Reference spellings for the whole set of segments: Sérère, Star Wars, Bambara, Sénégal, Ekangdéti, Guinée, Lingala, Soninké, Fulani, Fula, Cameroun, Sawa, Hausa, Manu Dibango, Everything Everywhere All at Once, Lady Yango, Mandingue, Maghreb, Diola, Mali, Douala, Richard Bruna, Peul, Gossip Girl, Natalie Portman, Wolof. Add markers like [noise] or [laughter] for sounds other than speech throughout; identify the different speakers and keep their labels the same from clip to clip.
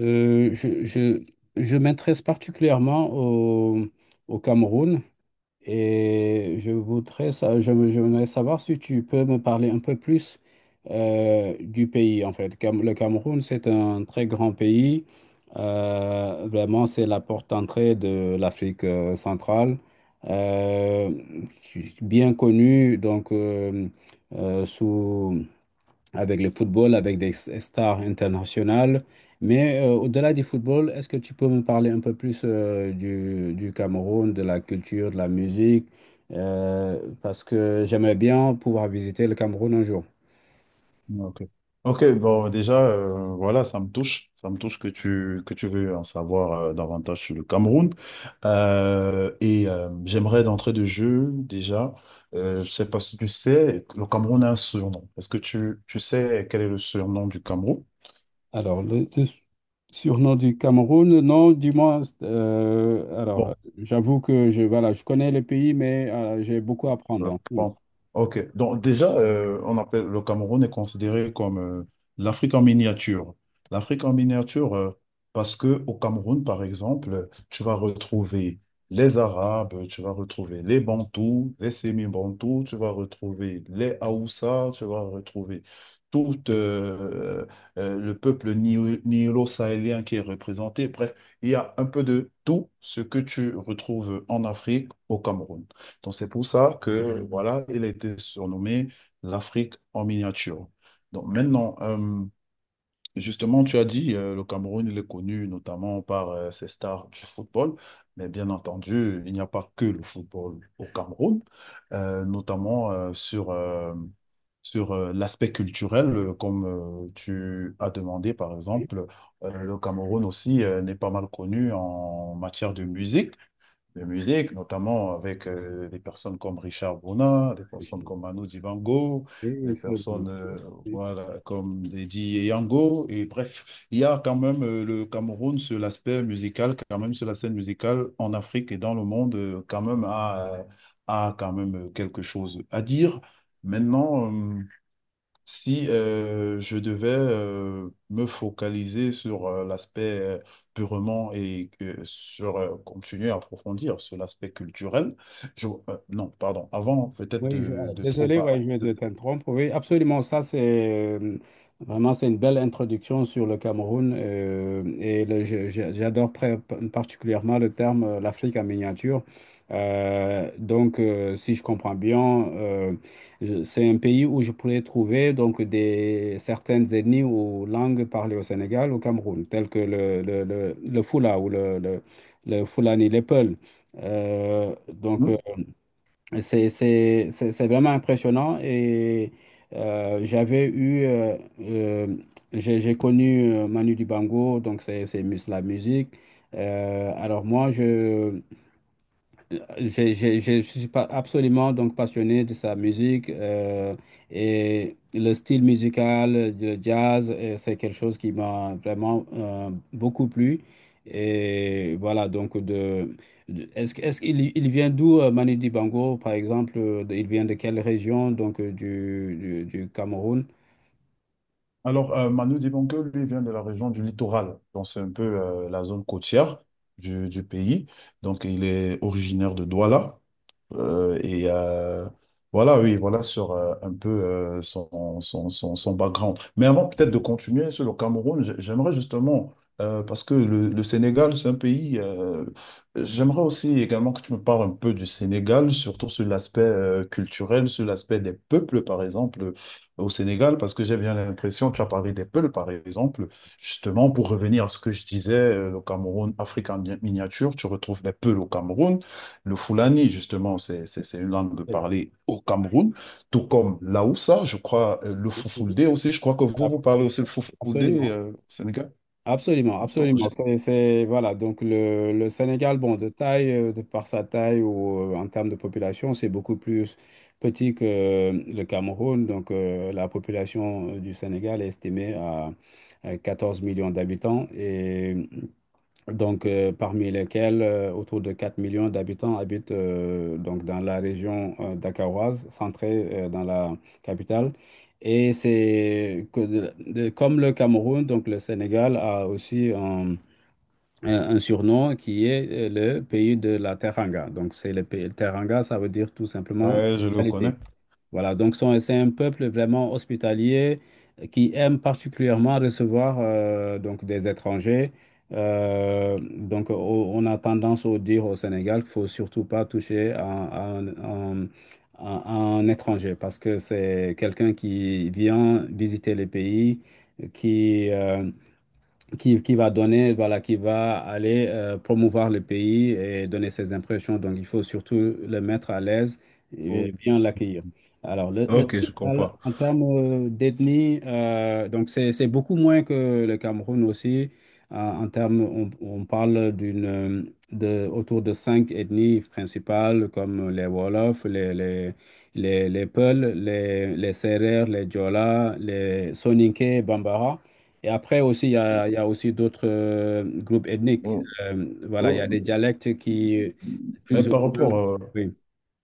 Speaker 1: Euh, je, je, je m'intéresse particulièrement au, au Cameroun et je voudrais, je voudrais savoir si tu peux me parler un peu plus du pays en fait. Le Cameroun, c'est un très grand pays. Vraiment, c'est la porte d'entrée de l'Afrique centrale. Euh, Bien connue donc sous avec le football, avec des stars internationales. Mais au-delà du football, est-ce que tu peux me parler un peu plus du Cameroun, de la culture, de la musique? Parce que j'aimerais bien pouvoir visiter le Cameroun un jour.
Speaker 2: Ouais. Ok. Ok, bon, déjà, voilà, ça me touche. Ça me touche que que tu veux en savoir davantage sur le Cameroun. J'aimerais d'entrée de jeu, déjà, je sais pas si tu sais, le Cameroun a un surnom. Est-ce que tu sais quel est le surnom du Cameroun?
Speaker 1: Alors, le surnom du Cameroun, non, dis-moi. Alors,
Speaker 2: Bon.
Speaker 1: j'avoue que je, voilà, je connais le pays, mais j'ai beaucoup à
Speaker 2: Ouais.
Speaker 1: apprendre. Oui,
Speaker 2: Bon, ok. Donc déjà, on appelle le Cameroun est considéré comme l'Afrique en miniature. L'Afrique en miniature, parce que au Cameroun, par exemple, tu vas retrouver les Arabes, tu vas retrouver les Bantous, les Sémi-Bantous, tu vas retrouver les Haoussa, tu vas retrouver tout le peuple nilo-sahélien qui est représenté. Bref, il y a un peu de tout ce que tu retrouves en Afrique au Cameroun. Donc, c'est pour ça que, voilà, il a été surnommé l'Afrique en miniature. Donc, maintenant, justement, tu as dit, le Cameroun, il est connu notamment par ses stars du football. Mais bien entendu, il n'y a pas que le football au Cameroun, notamment sur, sur l'aspect culturel, comme tu as demandé, par
Speaker 1: oui,
Speaker 2: exemple, le Cameroun aussi n'est pas mal connu en matière de musique, notamment avec des personnes comme Richard Bruna, des personnes
Speaker 1: je-
Speaker 2: comme Manu Dibango,
Speaker 1: oui,
Speaker 2: des personnes
Speaker 1: oui.
Speaker 2: voilà, comme Lady Yango. Et bref, il y a quand même le Cameroun sur l'aspect musical, quand même sur la scène musicale en Afrique et dans le monde, quand même a, a quand même quelque chose à dire. Maintenant, si je devais me focaliser sur l'aspect purement et que sur continuer à approfondir sur l'aspect culturel, non, pardon, avant peut-être
Speaker 1: Oui,
Speaker 2: de trop
Speaker 1: désolé, ouais, je vais te t'interrompre. Oui, absolument, ça c'est vraiment c'est une belle introduction sur le Cameroun et j'adore particulièrement le terme l'Afrique en miniature. Si je comprends bien, c'est un pays où je pourrais trouver donc des certaines ethnies ou langues parlées au Sénégal, au Cameroun, telles que le Fula ou le Fulani, les Peuls. Euh, donc euh,
Speaker 2: Hmm.
Speaker 1: c'est, c'est vraiment impressionnant et j'avais eu, euh, j'ai connu Manu Dibango, donc c'est la musique. Alors moi, je, j'ai- Je suis pas absolument donc passionné de sa musique et le style musical, le jazz, c'est quelque chose qui m'a vraiment beaucoup plu. Et voilà, est-ce qu'il il vient d'où Manu Dibango, par exemple, il vient de quelle région donc du Cameroun?
Speaker 2: Alors, Manu Dibango, lui, vient de la région du littoral, donc c'est un peu la zone côtière du pays. Donc, il est originaire de Douala. Euh, et euh, voilà, oui, voilà sur un peu son background. Mais avant peut-être de continuer sur le Cameroun, j'aimerais justement, parce que le Sénégal, c'est un pays, j'aimerais aussi également que tu me parles un peu du Sénégal, surtout sur l'aspect culturel, sur l'aspect des peuples, par exemple, au Sénégal, parce que j'ai bien l'impression, tu as parlé des peuples, par exemple, justement, pour revenir à ce que je disais, le Cameroun, Afrique en miniature, tu retrouves des peuples au Cameroun. Le Fulani, justement, c'est une langue
Speaker 1: Euh,
Speaker 2: parlée au Cameroun, tout comme l'Aoussa, je crois, le
Speaker 1: oui, oui, oui.
Speaker 2: Foufoulde aussi. Je crois que vous parlez aussi le Foufoulde
Speaker 1: Absolument.
Speaker 2: au Sénégal.
Speaker 1: Absolument,
Speaker 2: Donc,
Speaker 1: absolument.
Speaker 2: je-
Speaker 1: Voilà, donc le Sénégal, bon, de par sa taille ou en termes de population, c'est beaucoup plus petit que le Cameroun. Donc la population du Sénégal est estimée à 14 millions d'habitants et donc parmi lesquels autour de 4 millions d'habitants habitent donc dans la région dakaroise, centrée dans la capitale. Et c'est comme le Cameroun, donc le Sénégal a aussi un surnom qui est le pays de la Teranga. Donc c'est le pays, Teranga, ça veut dire tout simplement
Speaker 2: ouais, je le
Speaker 1: localité.
Speaker 2: connais.
Speaker 1: Voilà, c'est un peuple vraiment hospitalier qui aime particulièrement recevoir donc des étrangers. On a tendance à dire au Sénégal qu'il faut surtout pas toucher à un étranger parce que c'est quelqu'un qui vient visiter les pays, qui, euh, qui va donner, voilà, qui va aller promouvoir le pays et donner ses impressions. Donc, il faut surtout le mettre à l'aise et
Speaker 2: Oh.
Speaker 1: bien l'accueillir. Alors, le
Speaker 2: Ok, je
Speaker 1: Sénégal,
Speaker 2: comprends.
Speaker 1: en termes d'ethnie, donc c'est beaucoup moins que le Cameroun aussi. En termes, on parle autour de cinq ethnies principales comme les Wolofs, les Peuls, les Sérères, les Diola, les Soninké, Bambara. Et après aussi, il y a aussi d'autres groupes ethniques.
Speaker 2: Oh,
Speaker 1: Voilà, il y a des
Speaker 2: oh.
Speaker 1: dialectes qui,
Speaker 2: Mais
Speaker 1: plus ou
Speaker 2: par
Speaker 1: moins,
Speaker 2: rapport, euh,
Speaker 1: oui.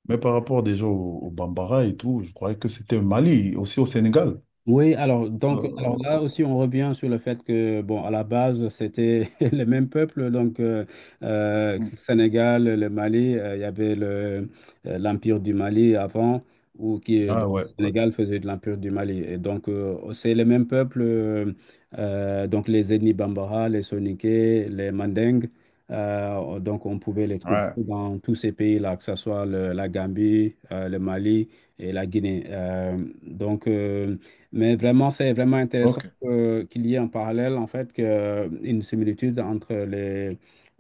Speaker 2: mais par rapport déjà au Bambara et tout, je croyais que c'était au Mali, aussi au Sénégal.
Speaker 1: Oui, alors, donc, alors
Speaker 2: Euh,
Speaker 1: là aussi, on revient sur le fait que, bon, à la base, c'était [laughs] le même peuple, Sénégal, le Mali, il y avait l'Empire du Mali avant,
Speaker 2: ah
Speaker 1: donc,
Speaker 2: ouais,
Speaker 1: le
Speaker 2: ouais,
Speaker 1: Sénégal faisait de l'Empire du Mali. Et donc, c'est le même peuple, donc les ethnies Bambara, les Soninké, les Mandingues, donc on pouvait les trouver
Speaker 2: ouais,
Speaker 1: dans tous ces pays-là, que ce soit la Gambie, le Mali et la Guinée. Donc, euh, mais vraiment, c'est vraiment intéressant
Speaker 2: ok.
Speaker 1: qu'il y ait en parallèle, en fait, que, une similitude entre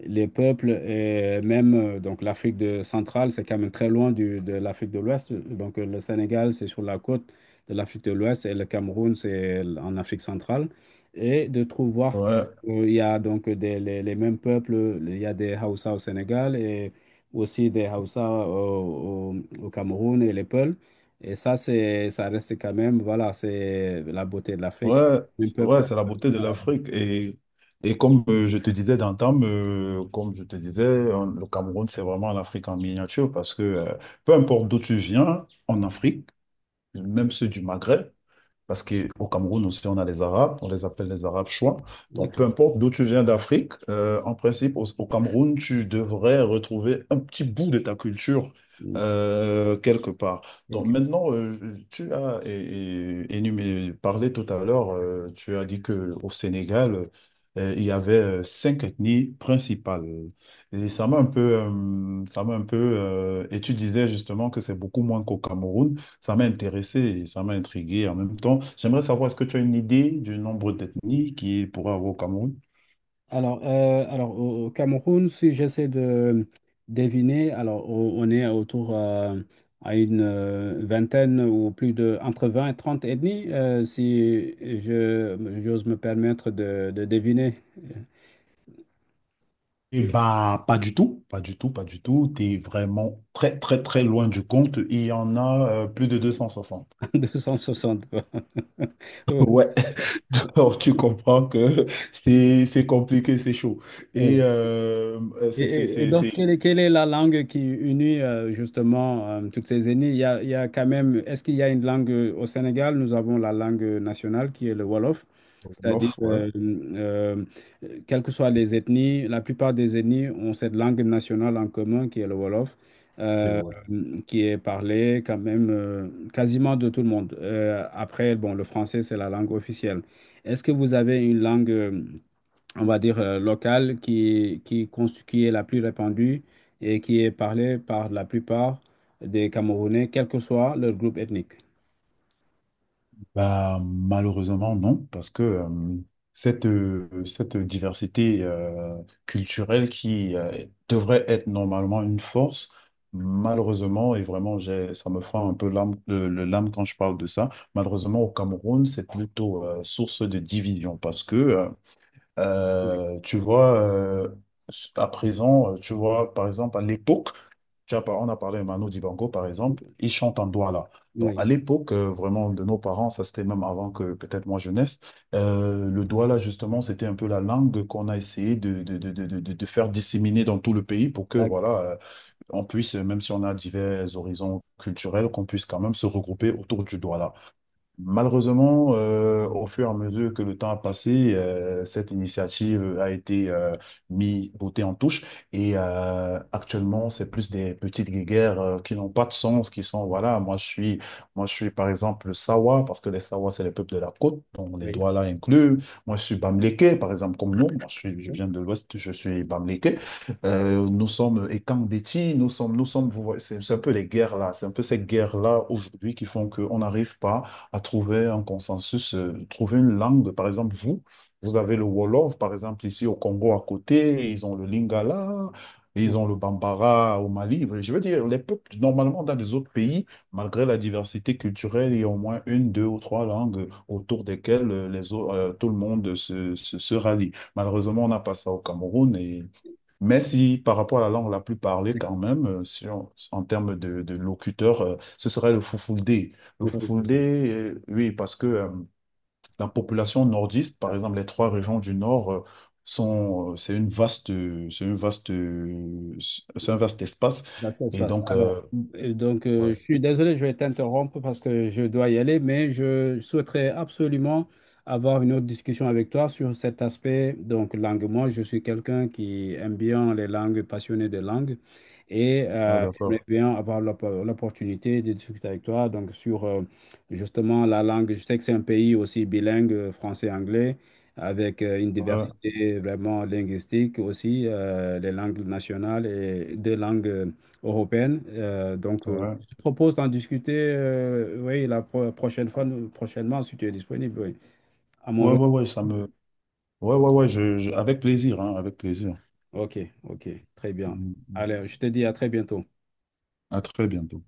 Speaker 1: les peuples et même donc centrale, c'est quand même très loin de l'Afrique de l'Ouest. Donc, le Sénégal, c'est sur la côte de l'Afrique de l'Ouest et le Cameroun, c'est en Afrique centrale. Et de trouver voir que,
Speaker 2: Ouais.
Speaker 1: il y a donc les mêmes peuples, il y a des Hausa au Sénégal et aussi des Hausa au Cameroun et les Peuls. Et ça, ça reste quand même, voilà, c'est la beauté de l'Afrique, c'est
Speaker 2: Ouais,
Speaker 1: un
Speaker 2: ouais,
Speaker 1: peuple
Speaker 2: c'est la beauté de
Speaker 1: arabe.
Speaker 2: l'Afrique. Et comme je te disais d'antan, comme je te disais, le Cameroun, c'est vraiment l'Afrique en miniature parce que peu importe d'où tu viens en Afrique, même ceux du Maghreb, parce qu'au Cameroun aussi, on a les Arabes, on les appelle les Arabes chouans. Donc, peu
Speaker 1: D'accord.
Speaker 2: importe d'où tu viens d'Afrique, en principe, au Cameroun, tu devrais retrouver un petit bout de ta culture
Speaker 1: Mm,
Speaker 2: quelque part. Donc,
Speaker 1: ok.
Speaker 2: maintenant, tu as parlé tout à l'heure, tu as dit qu'au Sénégal, il y avait cinq ethnies principales. Et ça m'a un peu, ça m'a un peu, et tu disais justement que c'est beaucoup moins qu'au Cameroun. Ça m'a intéressé et ça m'a intrigué en même temps. J'aimerais savoir, est-ce que tu as une idée du nombre d'ethnies qu'il pourrait avoir au Cameroun?
Speaker 1: Alors au au Cameroun, si j'essaie de deviner, alors on est autour à une vingtaine ou plus de, entre 20 et 30 ethnies, si je, j'ose me permettre de deviner,
Speaker 2: Eh bah, pas du tout, pas du tout, pas du tout. Tu es vraiment très, très, très loin du compte. Il y en a plus de 260.
Speaker 1: [laughs] 260. Quoi.
Speaker 2: Ouais, [laughs] alors tu comprends que c'est compliqué, c'est chaud.
Speaker 1: [laughs] Et, et donc,
Speaker 2: C'est
Speaker 1: quelle est la langue qui unit justement toutes ces ethnies? Il y a quand même, est-ce qu'il y a une langue au Sénégal? Nous avons la langue nationale qui est le Wolof, c'est-à-dire,
Speaker 2: Wolof, ouais.
Speaker 1: quelles que soient les ethnies, la plupart des ethnies ont cette langue nationale en commun qui est le Wolof,
Speaker 2: C'est.
Speaker 1: euh, qui est parlée quand même quasiment de tout le monde. Après, bon, le français, c'est la langue officielle. Est-ce que vous avez une langue on va dire, locale qui est la plus répandue et qui est parlée par la plupart des Camerounais, quel que soit leur groupe ethnique.
Speaker 2: Bah, malheureusement, non, parce que cette diversité culturelle qui devrait être normalement une force, malheureusement, et vraiment, j'ai, ça me fend un peu l'âme, l'âme quand je parle de ça, malheureusement, au Cameroun, c'est plutôt source de division, parce que,
Speaker 1: Oui.
Speaker 2: tu vois, à présent, tu vois, par exemple, à l'époque, on a parlé de Manu Dibango, par exemple, il chante en Douala. Donc,
Speaker 1: Oui.
Speaker 2: à l'époque, vraiment, de nos parents, ça c'était même avant que peut-être moi je naisse, le Douala, justement, c'était un peu la langue qu'on a essayé de faire disséminer dans tout le pays pour que,
Speaker 1: D'ac-
Speaker 2: voilà, on puisse, même si on a divers horizons culturels, qu'on puisse quand même se regrouper autour du Douala. Malheureusement, au fur et à mesure que le temps a passé, cette initiative a été mise, botée en touche. Et actuellement, c'est plus des petites guéguerres qui n'ont pas de sens, qui sont, voilà, moi je suis par exemple Sawa, parce que les Sawa, c'est les peuples de la côte, donc les
Speaker 1: Oui.
Speaker 2: Douala inclus. Moi, je suis Bamléké, par exemple, comme nous. Moi, je
Speaker 1: Oui.
Speaker 2: viens de l'Ouest, je suis Bamléké. Nous sommes Ekangdéti, vous voyez, c'est un peu les guerres là, c'est un peu ces guerres là aujourd'hui qui font qu'on n'arrive pas à trouver un consensus, trouver une langue. Par exemple, vous avez le Wolof, par exemple, ici au Congo à côté, ils ont le Lingala, ils ont le Bambara au Mali. Enfin, je veux dire, les peuples, normalement, dans les autres pays, malgré la diversité culturelle, il y a au moins une, deux ou trois langues autour desquelles tout le monde se rallie. Malheureusement, on n'a pas ça au Cameroun. Et mais si par rapport à la langue la plus parlée, quand même, si on- en termes de locuteur, ce serait le Fulfulde. Le
Speaker 1: Oui.
Speaker 2: Fulfulde, oui, parce que la population nordiste, par exemple, les 3 régions du nord, sont, c'est une vaste, c'est un vaste espace.
Speaker 1: Bah, ça se
Speaker 2: Et
Speaker 1: passe.
Speaker 2: donc,
Speaker 1: Alors,
Speaker 2: ouais.
Speaker 1: je suis désolé, je vais t'interrompre parce que je dois y aller, mais je souhaiterais absolument avoir une autre discussion avec toi sur cet aspect, donc langue. Moi, je suis quelqu'un qui aime bien les langues, passionné de langues, et
Speaker 2: Ah,
Speaker 1: j'aimerais
Speaker 2: d'accord.
Speaker 1: bien avoir l'opportunité de discuter avec toi, donc sur justement la langue. Je sais que c'est un pays aussi bilingue, français-anglais. Avec une
Speaker 2: Ouais,
Speaker 1: diversité vraiment linguistique aussi, les langues nationales et deux langues européenne.
Speaker 2: ouais,
Speaker 1: Je te propose d'en discuter oui, la prochaine fois, prochainement, si tu es disponible. Oui. À mon
Speaker 2: ouais,
Speaker 1: retour.
Speaker 2: ouais, ouais, ça me, ouais, avec plaisir, hein, avec plaisir.
Speaker 1: OK, OK, très bien.
Speaker 2: Mm, mm.
Speaker 1: Allez, je te dis à très bientôt.
Speaker 2: À très bientôt.